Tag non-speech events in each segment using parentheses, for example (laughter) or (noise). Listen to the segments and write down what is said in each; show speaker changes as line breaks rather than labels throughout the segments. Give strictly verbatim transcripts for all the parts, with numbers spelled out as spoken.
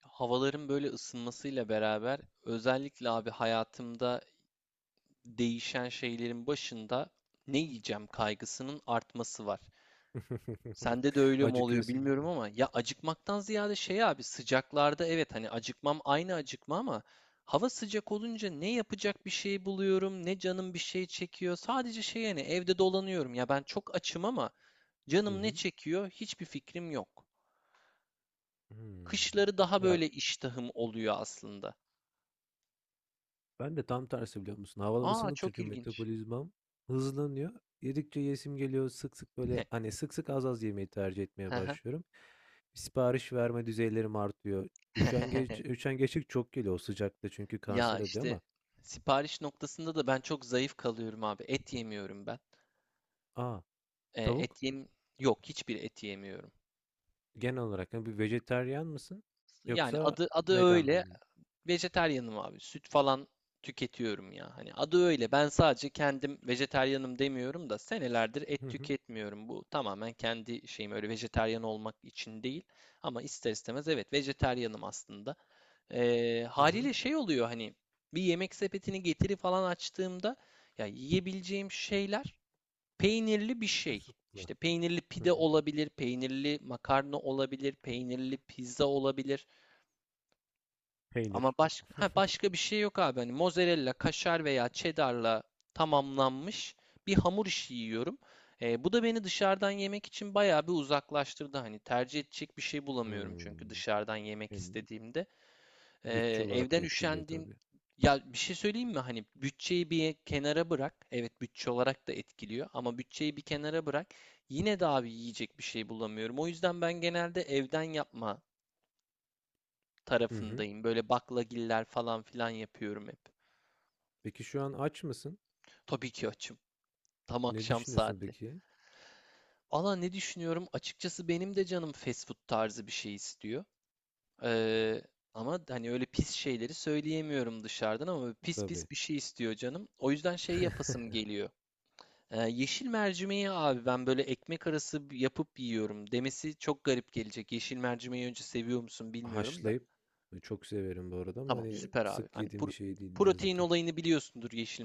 Havaların böyle ısınmasıyla beraber özellikle abi hayatımda değişen şeylerin başında ne yiyeceğim kaygısının artması var.
(laughs)
Sende de öyle mi oluyor
Acıkıyorsun değil
bilmiyorum
mi?
ama ya, acıkmaktan ziyade şey abi, sıcaklarda evet hani acıkmam aynı acıkma ama hava sıcak olunca ne yapacak bir şey buluyorum, ne canım bir şey çekiyor. Sadece şey yani evde dolanıyorum, ya ben çok açım ama
Hı
canım ne
hı.
çekiyor hiçbir fikrim yok.
Hımm.
Kışları daha
Ya,
böyle iştahım oluyor aslında.
ben de tam tersi biliyor musun? Havalar
Aa,
ısındıkça
çok
çünkü
ilginç.
metabolizmam hızlanıyor. Yedikçe yiyesim geliyor. Sık sık böyle, hani, sık sık az az yemeyi tercih
Hı
etmeye
hı.
başlıyorum. Sipariş verme düzeylerim artıyor.
(laughs)
Üşengeç üşengeçlik çok geliyor o sıcakta çünkü
Ya
kanser oluyor
işte
ama
sipariş noktasında da ben çok zayıf kalıyorum abi. Et yemiyorum ben.
a!
E,
Tavuk
et yem Yok, hiçbir et yemiyorum.
genel olarak, hani, bir vejetaryen mısın
Yani
yoksa
adı adı
vegan
öyle.
mı?
Vejetaryenim abi. Süt falan tüketiyorum ya. Hani adı öyle. Ben sadece kendim vejetaryenim demiyorum da senelerdir
Hı
et
hı.
tüketmiyorum. Bu tamamen kendi şeyim, öyle vejetaryen olmak için değil. Ama ister istemez evet vejetaryenim aslında. Eee,
Hı hı.
haliyle şey oluyor hani, bir yemek sepetini getiri falan açtığımda ya yiyebileceğim şeyler peynirli bir şey.
Kısıtlı.
İşte peynirli
Hı
pide
hı.
olabilir, peynirli makarna olabilir, peynirli pizza olabilir. Ama
Peynir.
başka ha,
(laughs)
başka bir şey yok abi. Hani mozzarella, kaşar veya cheddar'la tamamlanmış bir hamur işi yiyorum. Eee, bu da beni dışarıdan yemek için bayağı bir uzaklaştırdı. Hani tercih edecek bir şey bulamıyorum çünkü
Hımm.
dışarıdan yemek
Hem
istediğimde. Ee,
bütçe olarak da
evden
etkiliyor
üşendiğim,
tabii.
ya bir şey söyleyeyim mi? Hani bütçeyi bir kenara bırak. Evet bütçe olarak da etkiliyor ama bütçeyi bir kenara bırak. Yine de abi yiyecek bir şey bulamıyorum. O yüzden ben genelde evden yapma
Hı hı.
tarafındayım. Böyle baklagiller falan filan yapıyorum hep.
Peki şu an aç mısın?
Tabii ki açım. Tam
Ne
akşam
düşünüyorsun
saati.
peki?
Valla ne düşünüyorum? Açıkçası benim de canım fast food tarzı bir şey istiyor. Ee, Ama hani öyle pis şeyleri söyleyemiyorum dışarıdan, ama pis
Tabii.
pis bir şey istiyor canım. O yüzden şey yapasım
(laughs)
geliyor. Ee, yeşil mercimeği abi ben böyle ekmek arası yapıp yiyorum demesi çok garip gelecek. Yeşil mercimeği önce seviyor musun bilmiyorum da.
Haşlayıp e, çok severim bu arada ama
Tamam
hani
süper abi.
sık
Hani
yediğim
pro-
bir şey değil ne yazık
protein
ki.
olayını biliyorsundur yeşil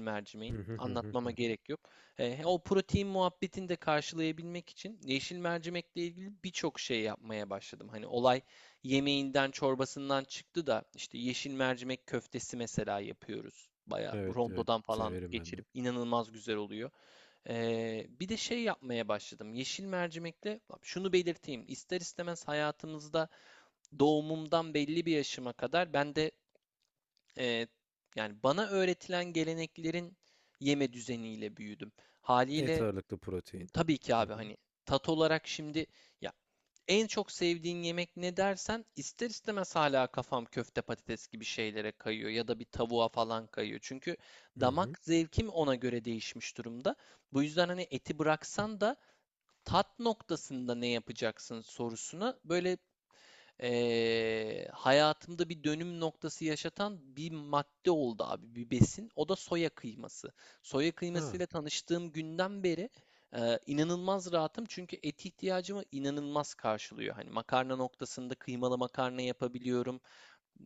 Hı
mercimeğin.
hı hı hı hı
Anlatmama
hı.
gerek yok. Ee, o protein muhabbetini de karşılayabilmek için yeşil mercimekle ilgili birçok şey yapmaya başladım. Hani olay yemeğinden çorbasından çıktı da işte yeşil mercimek köftesi mesela yapıyoruz. Bayağı
Evet evet
rondodan falan
severim ben
geçirip
de.
inanılmaz güzel oluyor. Ee, bir de şey yapmaya başladım. Yeşil mercimekle şunu belirteyim. İster istemez hayatımızda doğumumdan belli bir yaşıma kadar ben de e, yani bana öğretilen geleneklerin yeme düzeniyle büyüdüm.
Et
Haliyle
ağırlıklı protein.
tabii ki
Hı
abi,
hı.
hani tat olarak şimdi, ya en çok sevdiğin yemek ne dersen ister istemez hala kafam köfte patates gibi şeylere kayıyor ya da bir tavuğa falan kayıyor. Çünkü
Hı hı.
damak zevkim ona göre değişmiş durumda. Bu yüzden hani eti bıraksan da tat noktasında ne yapacaksın sorusuna böyle, eee, hayatımda bir dönüm noktası yaşatan bir madde oldu abi, bir besin. O da soya kıyması. Soya
Aa.
kıymasıyla tanıştığım günden beri eee, inanılmaz rahatım çünkü et ihtiyacımı inanılmaz karşılıyor. Hani makarna noktasında kıymalı makarna yapabiliyorum,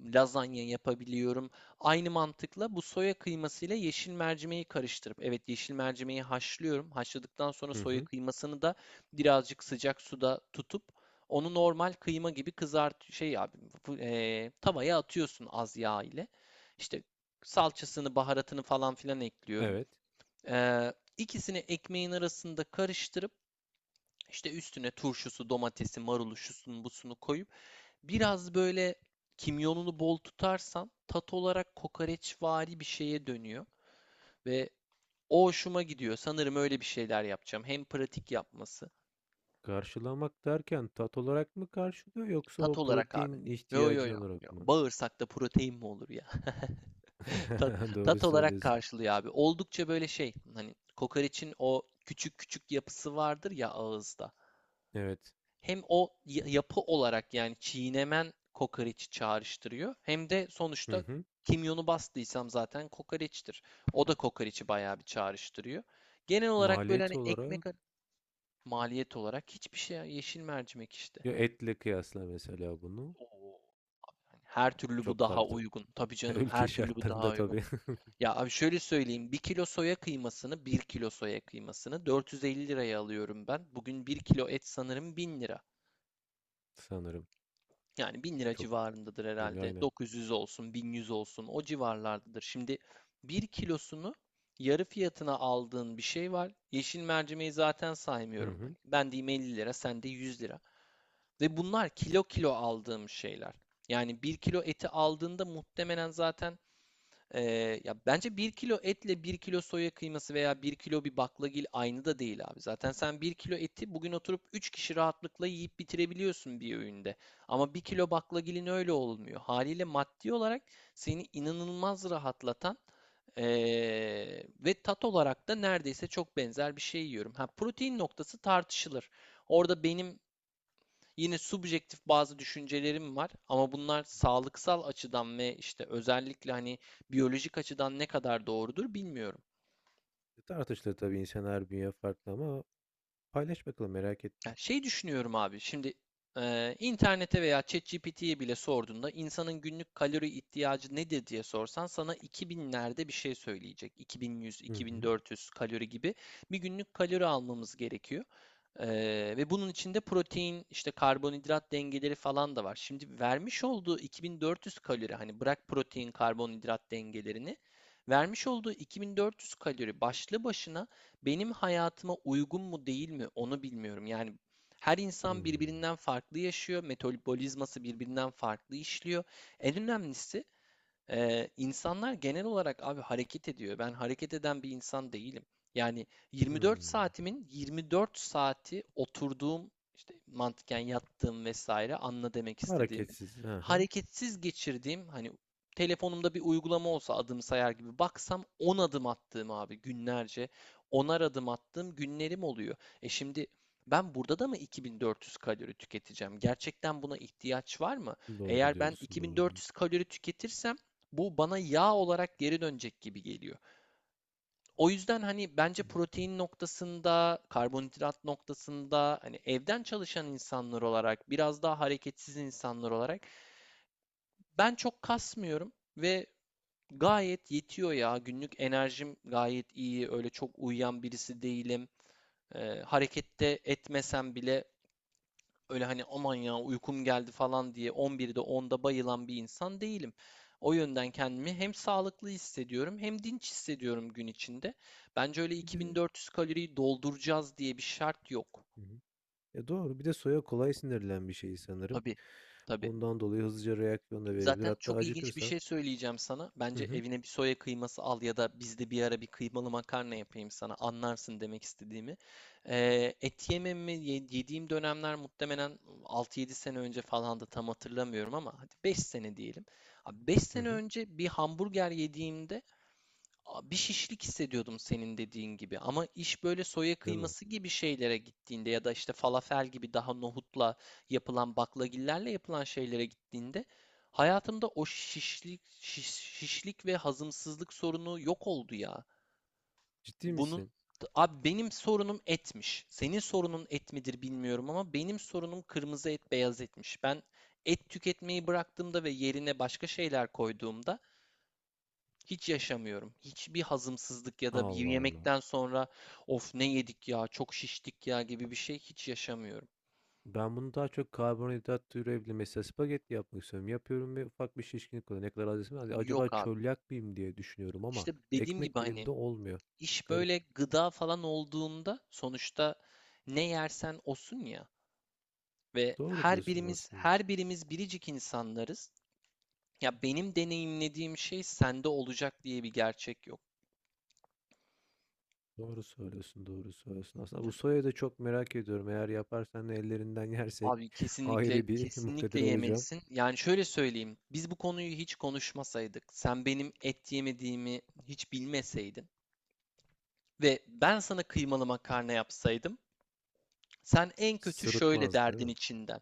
lazanya yapabiliyorum. Aynı mantıkla bu soya kıymasıyla yeşil mercimeği karıştırıp, evet yeşil mercimeği haşlıyorum. Haşladıktan sonra
Hı
soya
hı.
kıymasını da birazcık sıcak suda tutup onu normal kıyma gibi kızart, şey abi bu- e, tavaya atıyorsun az yağ ile. İşte salçasını, baharatını falan filan ekliyorum.
Evet.
Eee ikisini ekmeğin arasında karıştırıp, işte üstüne turşusu, domatesi, marulu, şusunu, busunu koyup biraz böyle kimyonunu bol tutarsan tat olarak kokoreçvari bir şeye dönüyor ve o hoşuma gidiyor. Sanırım öyle bir şeyler yapacağım. Hem pratik yapması.
Karşılamak derken tat olarak mı karşılıyor yoksa
Tat
o
olarak abi.
protein
Yo, yo,
ihtiyacın
yo. Yo.
olarak mı?
Bağırsakta protein mi olur ya? (laughs) Tat,
(laughs) Doğru
tat olarak
söylüyorsun.
karşılıyor abi. Oldukça böyle şey, hani kokoreçin o küçük küçük yapısı vardır ya ağızda.
Evet.
Hem o yapı olarak, yani çiğnemen kokoreçi çağrıştırıyor. Hem de
Hı
sonuçta
hı.
kimyonu bastıysam zaten kokoreçtir. O da kokoreçi bayağı bir çağrıştırıyor. Genel olarak böyle
Maliyet
hani ekmek
olarak
maliyet olarak hiçbir şey ya, yeşil mercimek işte.
ya etle kıyasla mesela bunu.
Oo. Hani her türlü bu
Çok
daha
farklı.
uygun. Tabii
(laughs)
canım, her
Ülke
türlü bu daha
şartlarında
uygun.
tabii (laughs)
Ya abi şöyle söyleyeyim. bir kilo soya kıymasını bir kilo soya kıymasını dört yüz elli liraya alıyorum ben. Bugün bir kilo et sanırım bin lira.
sanırım.
Yani bin lira
Çok
civarındadır
gibi
herhalde.
aynen.
dokuz yüz olsun, bin yüz olsun o civarlardadır. Şimdi bir kilosunu yarı fiyatına aldığın bir şey var. Yeşil mercimeği zaten
Hı
saymıyorum. Hani
hı.
ben diyeyim elli lira, sen de yüz lira. Ve bunlar kilo kilo aldığım şeyler. Yani bir kilo eti aldığında muhtemelen zaten ee, ya bence bir kilo etle bir kilo soya kıyması veya bir kilo bir baklagil aynı da değil abi. Zaten sen bir kilo eti bugün oturup üç kişi rahatlıkla yiyip bitirebiliyorsun bir öğünde. Ama bir kilo baklagilin öyle olmuyor. Haliyle maddi olarak seni inanılmaz rahatlatan ee, ve tat olarak da neredeyse çok benzer bir şey yiyorum. Ha, protein noktası tartışılır. Orada benim yine subjektif bazı düşüncelerim var ama bunlar sağlıksal açıdan ve işte özellikle hani biyolojik açıdan ne kadar doğrudur bilmiyorum.
E, Tartışılır tabii, insan her bünye farklı ama paylaş bakalım, merak
Ya
ettim.
şey düşünüyorum abi. Şimdi eee, internete veya ChatGPT'ye bile sorduğunda, insanın günlük kalori ihtiyacı nedir diye sorsan sana iki binlerde bir şey söyleyecek. iki bin yüz,
Hı hı.
iki bin dört yüz kalori gibi bir günlük kalori almamız gerekiyor. Eee, ve bunun içinde protein, işte karbonhidrat dengeleri falan da var. Şimdi vermiş olduğu iki bin dört yüz kalori, hani bırak protein, karbonhidrat dengelerini, vermiş olduğu iki bin dört yüz kalori başlı başına benim hayatıma uygun mu değil mi onu bilmiyorum. Yani her insan
Hmm.
birbirinden farklı yaşıyor, metabolizması birbirinden farklı işliyor. En önemlisi, ee, insanlar genel olarak abi hareket ediyor. Ben hareket eden bir insan değilim. Yani yirmi dört
Hmm.
saatimin yirmi dört saati oturduğum, işte mantıken yattığım vesaire, anla demek istediğimi.
Hareketsiz. Aha.
Hareketsiz geçirdiğim, hani telefonumda bir uygulama olsa adım sayar gibi baksam on adım attığım abi, günlerce onar adım attığım günlerim oluyor. E şimdi ben burada da mı iki bin dört yüz kalori tüketeceğim? Gerçekten buna ihtiyaç var mı?
Doğru
Eğer ben
diyorsun, doğru diyorsun.
iki bin dört yüz kalori tüketirsem bu bana yağ olarak geri dönecek gibi geliyor. O yüzden hani bence
Hı.
protein noktasında, karbonhidrat noktasında, hani evden çalışan insanlar olarak, biraz daha hareketsiz insanlar olarak ben çok kasmıyorum ve gayet yetiyor ya. Günlük enerjim gayet iyi. Öyle çok uyuyan birisi değilim. Eee, harekette etmesem bile öyle hani, aman ya uykum geldi falan diye on birde onda bayılan bir insan değilim. O yönden kendimi hem sağlıklı hissediyorum hem dinç hissediyorum gün içinde. Bence öyle
Bir de
iki bin dört yüz kaloriyi dolduracağız diye bir şart yok.
hı hı. Ya doğru. Bir de soya kolay sinirlen bir şey sanırım.
Tabii, tabii.
Ondan dolayı hızlıca reaksiyon da verebilir.
Zaten
Hatta
çok ilginç bir
acıkırsa.
şey söyleyeceğim sana.
Hı
Bence
hı.
evine bir soya kıyması al ya da bizde bir ara bir kıymalı makarna yapayım sana. Anlarsın demek istediğimi. Ee, et yememi ye- yediğim dönemler muhtemelen altı yedi sene önce falan, da tam hatırlamıyorum ama hadi beş sene diyelim. Beş
Hı
sene
hı.
önce bir hamburger yediğimde a- bir şişlik hissediyordum senin dediğin gibi. Ama iş böyle soya
Değil mi?
kıyması gibi şeylere gittiğinde ya da işte falafel gibi daha nohutla yapılan, baklagillerle yapılan şeylere gittiğinde hayatımda o şişlik şiş- şişlik ve hazımsızlık sorunu yok oldu ya.
Ciddi
Bunun,
misin?
abi benim sorunum etmiş. Senin sorunun et midir bilmiyorum ama benim sorunum kırmızı et, beyaz etmiş. Ben et tüketmeyi bıraktığımda ve yerine başka şeyler koyduğumda hiç yaşamıyorum. Hiçbir hazımsızlık ya da bir
Allah Allah.
yemekten sonra of ne yedik ya, çok şiştik ya gibi bir şey hiç yaşamıyorum.
Ben bunu daha çok karbonhidrat türevli mesela spagetti yapmak istiyorum. Yapıyorum ve ufak bir şişkinlik oluyor. Ne kadar az yesem, hadi acaba
Yok abi.
çölyak mıyım diye düşünüyorum ama
İşte dediğim
ekmek
gibi hani,
elimde olmuyor.
iş
Garip.
böyle gıda falan olduğunda sonuçta ne yersen osun ya, ve
Doğru
her
diyorsun
birimiz
aslında.
her birimiz biricik insanlarız. Ya benim deneyimlediğim şey sende olacak diye bir gerçek yok.
Doğru söylüyorsun, doğru söylüyorsun. Aslında bu soyayı da çok merak ediyorum. Eğer yaparsan da ellerinden yersek
Abi kesinlikle
ayrı bir (laughs)
kesinlikle
muktedir olacağım.
yemelisin. Yani şöyle söyleyeyim. Biz bu konuyu hiç konuşmasaydık, sen benim et yemediğimi hiç bilmeseydin ve ben sana kıymalı makarna yapsaydım, sen en kötü şöyle
Sırıtmaz, değil
derdin
mi?
içinden.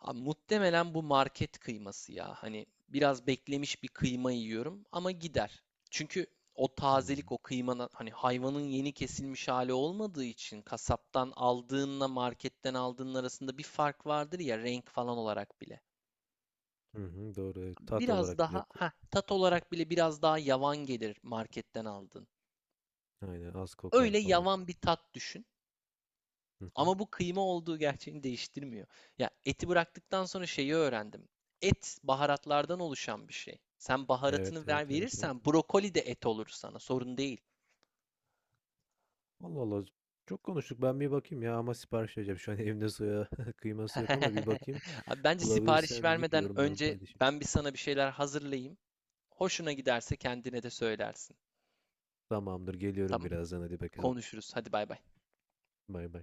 Abi muhtemelen bu market kıyması ya. Hani biraz beklemiş bir kıyma yiyorum, ama gider. Çünkü o
Hmm.
tazelik, o kıymanın hani hayvanın yeni kesilmiş hali olmadığı için, kasaptan aldığınla marketten aldığın arasında bir fark vardır ya, renk falan olarak bile.
Hı hı, doğru. Evet. Tat
Biraz
olarak bile
daha
ko-
heh, tat olarak bile biraz daha yavan gelir marketten aldığın.
aynen az kokar
Öyle
falan.
yavan bir tat düşün.
Hı hı.
Ama bu kıyma olduğu gerçeğini değiştirmiyor. Ya eti bıraktıktan sonra şeyi öğrendim. Et baharatlardan oluşan bir şey. Sen
Evet,
baharatını
evet,
ver
evet, evet,
verirsen
evet.
brokoli de et olur sana. Sorun değil.
Allah Allah. Çok konuştuk. Ben bir bakayım ya ama sipariş vereceğim. Şu an evimde soya (laughs) kıyması yok ama bir
(laughs)
bakayım.
Abi bence sipariş
Bulabilirsem yiyip
vermeden
yorumlarımı
önce
paylaşayım.
ben bir sana bir şeyler hazırlayayım. Hoşuna giderse kendine de söylersin.
Tamamdır. Geliyorum
Tamam?
birazdan. Hadi bakalım.
Konuşuruz. Hadi bay bay.
Bay bay.